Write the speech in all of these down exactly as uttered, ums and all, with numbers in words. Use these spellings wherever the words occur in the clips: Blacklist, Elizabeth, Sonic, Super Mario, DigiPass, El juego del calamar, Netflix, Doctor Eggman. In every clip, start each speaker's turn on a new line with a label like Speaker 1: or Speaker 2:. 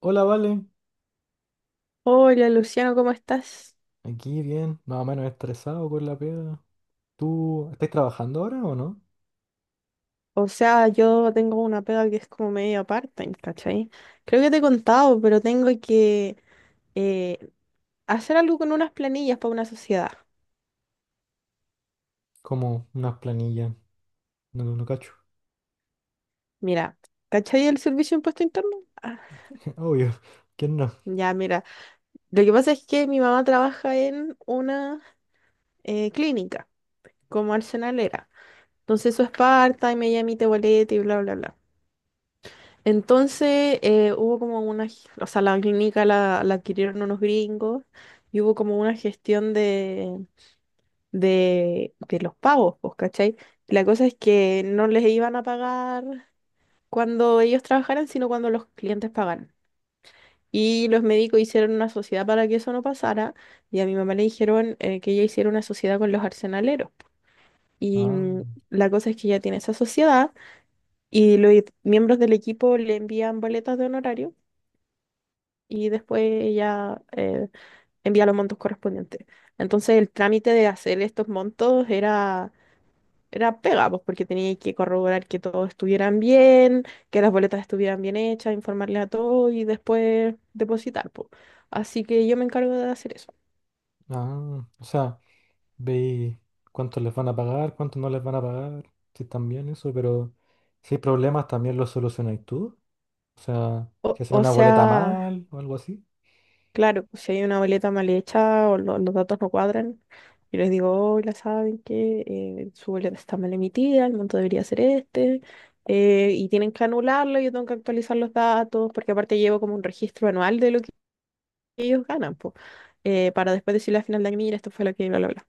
Speaker 1: Hola, Vale.
Speaker 2: Hola Luciano, ¿cómo estás?
Speaker 1: Aquí bien, más o menos estresado con la pega. ¿Tú estás trabajando ahora o no?
Speaker 2: O sea, yo tengo una pega que es como media part-time, ¿cachai? Creo que te he contado, pero tengo que eh, hacer algo con unas planillas para una sociedad.
Speaker 1: Como unas planillas. No, no, no cacho.
Speaker 2: Mira, ¿cachai el servicio de impuesto interno? Ah,
Speaker 1: Obvio. ¿Quién no?
Speaker 2: ya, mira. Lo que pasa es que mi mamá trabaja en una eh, clínica como arsenalera. Entonces eso es part-time, ella emite boleto y bla, bla, bla. Entonces eh, hubo como una, g- o sea, la clínica la, la adquirieron unos gringos y hubo como una gestión de, de, de los pagos, pues, ¿cachai? La cosa es que no les iban a pagar cuando ellos trabajaran, sino cuando los clientes pagaran. Y los médicos hicieron una sociedad para que eso no pasara y a mi mamá le dijeron eh, que ella hiciera una sociedad con los arsenaleros. Y
Speaker 1: Ah,
Speaker 2: mm, la cosa es que ella tiene esa sociedad y los miembros del equipo le envían boletas de honorario y después ella eh, envía los montos correspondientes. Entonces el trámite de hacer estos montos era, era pega, pues, porque tenía que corroborar que todos estuvieran bien, que las boletas estuvieran bien hechas, informarle a todos y después depositar, pues. Así que yo me encargo de hacer eso.
Speaker 1: ah. O sea, veis cuánto les van a pagar, cuánto no les van a pagar. Sí, también eso, pero si hay problemas también los solucionáis tú. O sea, si
Speaker 2: O,
Speaker 1: hacen
Speaker 2: o
Speaker 1: una boleta
Speaker 2: sea,
Speaker 1: mal o algo así.
Speaker 2: Claro, pues, si hay una boleta mal hecha o lo- los datos no cuadran, yo les digo, hola, saben que eh, su boleta está mal emitida, el monto debería ser este, eh, y tienen que anularlo, yo tengo que actualizar los datos, porque aparte llevo como un registro anual de lo que ellos ganan, po, eh, para después decirle al final de año, mira, esto fue lo que, bla, bla, bla.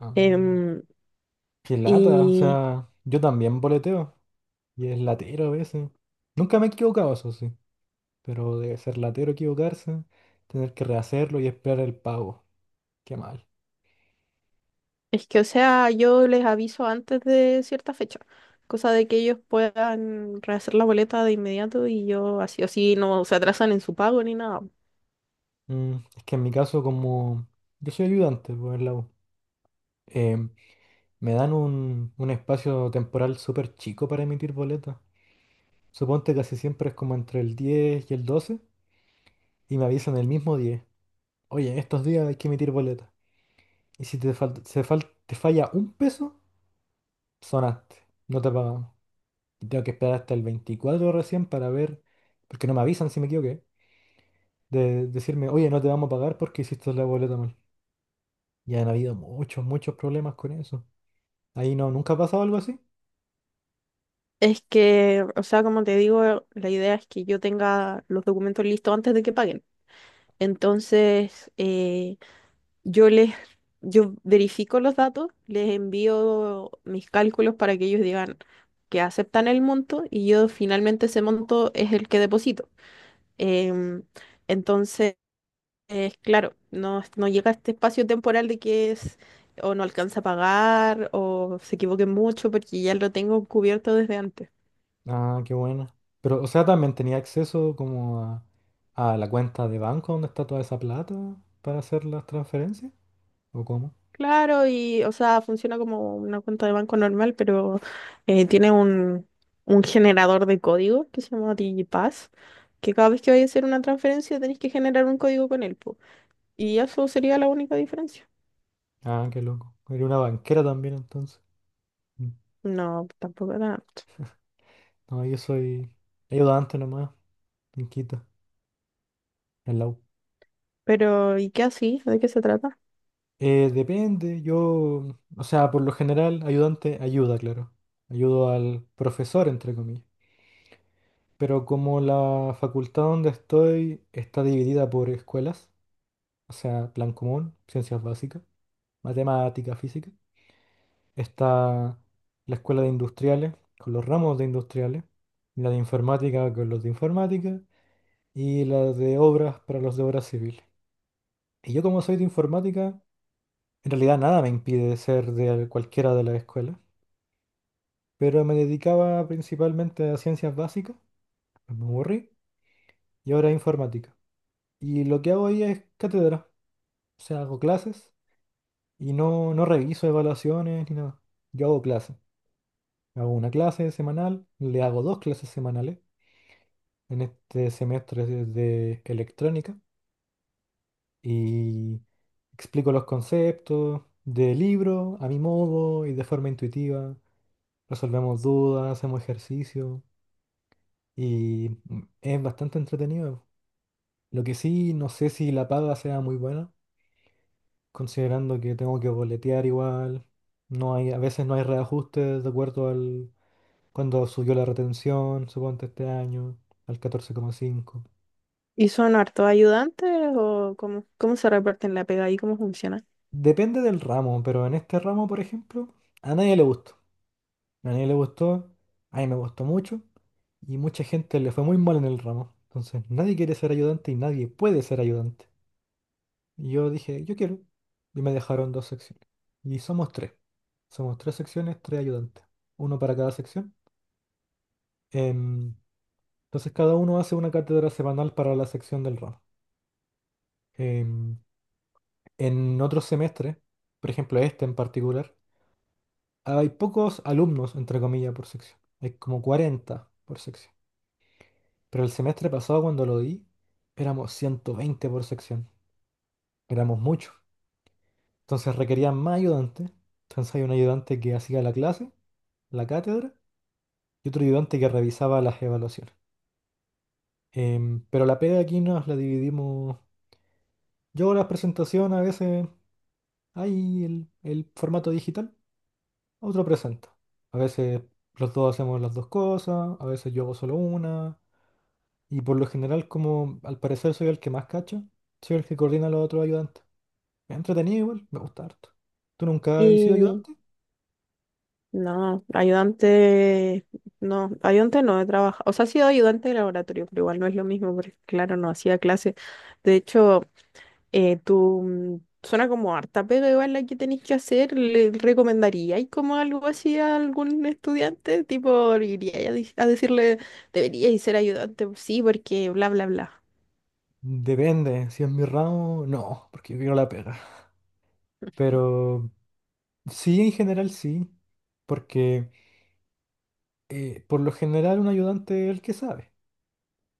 Speaker 1: Ah,
Speaker 2: Em,
Speaker 1: qué lata. O
Speaker 2: y
Speaker 1: sea, yo también boleteo y es latero a veces. Nunca me he equivocado, eso sí. pero debe ser latero equivocarse, tener que rehacerlo y esperar el pago. Qué mal.
Speaker 2: es que, o sea, yo les aviso antes de cierta fecha, cosa de que ellos puedan rehacer la boleta de inmediato y yo así o así no se atrasan en su pago ni nada.
Speaker 1: Mm, es que en mi caso, como yo soy ayudante por el lado, me dan un, un espacio temporal súper chico para emitir boletas. Suponte que casi siempre es como entre el diez y el doce y me avisan el mismo diez. Oye, estos días hay que emitir boletas. Y si te, falta, se fal- te falla un peso, sonaste, no te pagamos. Y tengo que esperar hasta el veinticuatro recién para ver, porque no me avisan si me equivoqué de decirme, oye, no te vamos a pagar porque hiciste la boleta mal. Y han habido muchos, muchos problemas con eso. Ahí no, ¿nunca ha pasado algo así?
Speaker 2: Es que, o sea, como te digo, la idea es que yo tenga los documentos listos antes de que paguen. Entonces, eh, yo les, yo verifico los datos, les envío mis cálculos para que ellos digan que aceptan el monto y yo finalmente ese monto es el que deposito. Em, entonces, eh, claro, no, no llega este espacio temporal de que es o no alcanza a pagar o se equivoquen mucho porque ya lo tengo cubierto desde antes.
Speaker 1: Ah, qué buena. Pero, o sea, también tenía acceso como a, a la cuenta de banco donde está toda esa plata para hacer las transferencias. ¿O cómo?
Speaker 2: Claro, y o sea, funciona como una cuenta de banco normal, pero eh, tiene un, un generador de código que se llama DigiPass, que cada vez que vayas a hacer una transferencia tenés que generar un código con él, po. Y eso sería la única diferencia.
Speaker 1: Ah, qué loco. Era una banquera también entonces. Mm.
Speaker 2: No, tampoco tanto.
Speaker 1: No, yo soy ayudante nomás, en Quito, en la U.
Speaker 2: Pero, ¿y qué así? ¿De qué se trata?
Speaker 1: Eh, depende, yo, o sea, por lo general, ayudante ayuda, claro. Ayudo al profesor, entre comillas. Pero como la facultad donde estoy está dividida por escuelas, o sea, plan común, ciencias básicas, matemática, física, está la escuela de industriales con los ramos de industriales, la de informática con los de informática y la de obras para los de obras civiles. Y yo como soy de informática, en realidad nada me impide ser de cualquiera de las escuelas, pero me dedicaba principalmente a ciencias básicas, me aburrí, y ahora a informática. Y lo que hago ahí es cátedra. O sea, hago clases y no, no reviso evaluaciones ni nada. Yo hago clases. Hago una clase semanal, le hago dos clases semanales en este semestre de de electrónica y explico los conceptos de libro a mi modo y de forma intuitiva. Resolvemos dudas, hacemos ejercicio y mm, es bastante entretenido. Lo que sí, no sé si la paga sea muy buena considerando que tengo que boletear igual, no hay, a veces no hay reajustes de acuerdo al cuando subió la retención, suponte este año, al catorce coma cinco.
Speaker 2: ¿Y son hartos ayudantes o cómo, cómo se reparten la pega y cómo funciona?
Speaker 1: Depende del ramo, pero en este ramo, por ejemplo, a nadie le gustó. A nadie le gustó, a mí me gustó mucho y mucha gente le fue muy mal en el ramo. Entonces, nadie quiere ser ayudante y nadie puede ser ayudante. Y yo dije, yo quiero. Y me dejaron dos secciones. Y somos tres. Somos tres secciones, tres ayudantes. Uno para cada sección. Em, entonces cada uno hace una cátedra semanal para la sección del ramo. Em, en otros semestres, por ejemplo este en particular, hay pocos alumnos, entre comillas, por sección. Hay como cuarenta por sección. Pero el semestre pasado cuando lo di, éramos ciento veinte por sección. Éramos muchos. Entonces requerían más ayudantes. Entonces hay un ayudante que hacía la clase, la cátedra, y otro ayudante que revisaba las evaluaciones. Em, pero la pega aquí nos la dividimos. Yo hago las presentaciones a veces. Ahí el, el formato digital, otro presenta. A veces los dos hacemos las dos cosas, a veces yo hago solo una, y por lo general, como al parecer soy el que más cacha, soy el que coordina a los otros ayudantes. Me ha entretenido igual, me gusta harto. ¿Tú nunca has sido
Speaker 2: y
Speaker 1: ayudante?
Speaker 2: No, ayudante, no, ayudante no he trabajado, o sea, sí he sido ayudante de laboratorio, pero igual no es lo mismo, porque claro, no hacía clase. De hecho, eh, tú mm, suena como harta, pero igual la que tenéis que hacer, ¿le recomendaríais como algo así a algún estudiante? Tipo, iría a, dec- a decirle, deberíais ser ayudante, sí, porque bla, bla, bla.
Speaker 1: Depende, si es mi ramo, no, porque yo quiero la pega. Pero sí, en general sí, porque eh, por lo general un ayudante es el que sabe,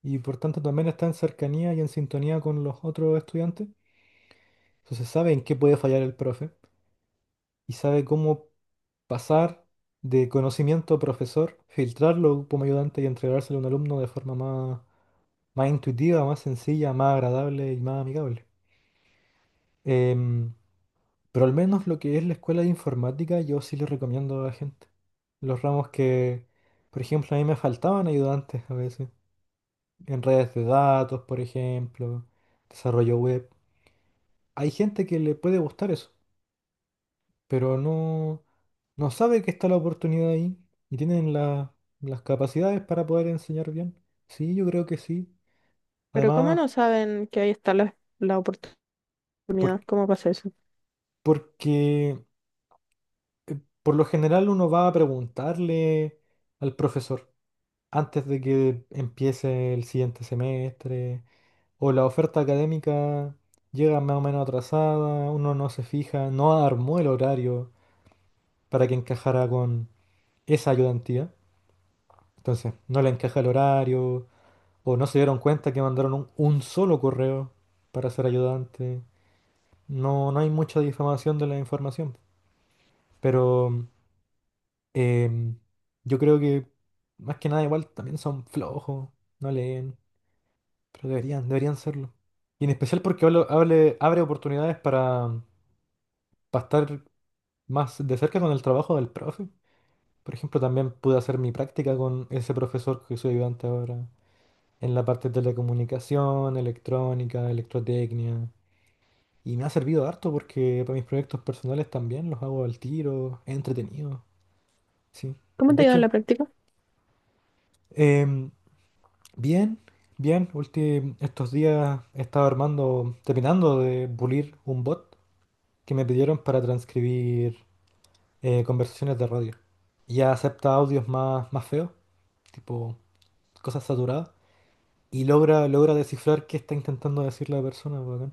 Speaker 1: y por tanto también está en cercanía y en sintonía con los otros estudiantes. Entonces sabe en qué puede fallar el profe y sabe cómo pasar de conocimiento a profesor, filtrarlo como ayudante y entregárselo a un alumno de forma más, más intuitiva, más sencilla, más agradable y más amigable. Em, pero al menos lo que es la escuela de informática, yo sí le recomiendo a la gente. Los ramos que, por ejemplo, a mí me faltaban ayudantes a veces. En redes de datos, por ejemplo, desarrollo web. Hay gente que le puede gustar eso. Pero no, no sabe que está la oportunidad ahí y tienen la- las capacidades para poder enseñar bien. Sí, yo creo que sí.
Speaker 2: Pero ¿cómo
Speaker 1: Además,
Speaker 2: no saben que ahí está la, la oportunidad?
Speaker 1: por-
Speaker 2: ¿Cómo pasa eso?
Speaker 1: porque por lo general uno va a preguntarle al profesor antes de que empiece el siguiente semestre o la oferta académica llega más o menos atrasada, uno no se fija, no armó el horario para que encajara con esa ayudantía. Entonces, no le encaja el horario, O no se dieron cuenta que mandaron un, un solo correo para ser ayudante. No, no hay mucha difamación de la información. Pero em, yo creo que más que nada igual también son flojos, no leen, pero deberían, deberían serlo. Y en especial porque hablo- hable- abre oportunidades para, para, estar más de cerca con el trabajo del profe. Por ejemplo, también pude hacer mi práctica con ese profesor que soy ayudante ahora en la parte de telecomunicación, electrónica, electrotecnia. Y me ha servido harto porque para mis proyectos personales también los hago al tiro, es entretenido. Sí.
Speaker 2: ¿Cómo
Speaker 1: De
Speaker 2: te ha ido en
Speaker 1: hecho,
Speaker 2: la práctica?
Speaker 1: em, bien, bien, ulti- estos días he estado armando, terminando de pulir un bot que me pidieron para transcribir eh, conversaciones de radio. Ya acepta audios más, más feos, tipo cosas saturadas, y logra, logra descifrar qué está intentando decir la persona, bacán.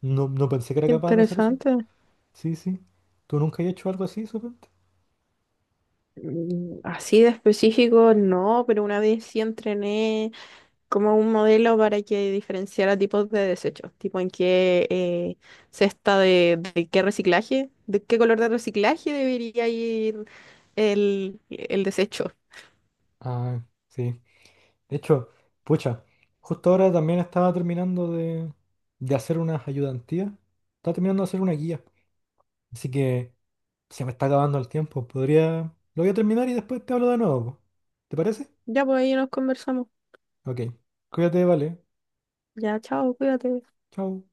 Speaker 1: No, no pensé que era capaz de hacer eso.
Speaker 2: Interesante.
Speaker 1: Sí, sí. ¿Tú nunca has hecho algo así, supongo?
Speaker 2: Mm, así de específico, no, pero una vez sí entrené como un modelo para que diferenciara tipos de desechos, tipo en qué eh, cesta de, de qué reciclaje, de qué color de reciclaje debería ir el, el desecho.
Speaker 1: Ah, sí. De hecho, pucha, justo ahora también estaba terminando de, de hacer unas ayudantías. Estaba terminando de hacer una guía. Así que se me está acabando el tiempo. Podría... Lo voy a terminar y después te hablo de nuevo. Po. ¿Te parece?
Speaker 2: Ya, pues ahí nos conversamos.
Speaker 1: Ok. Cuídate, vale.
Speaker 2: Ya, chao, cuídate.
Speaker 1: Chao.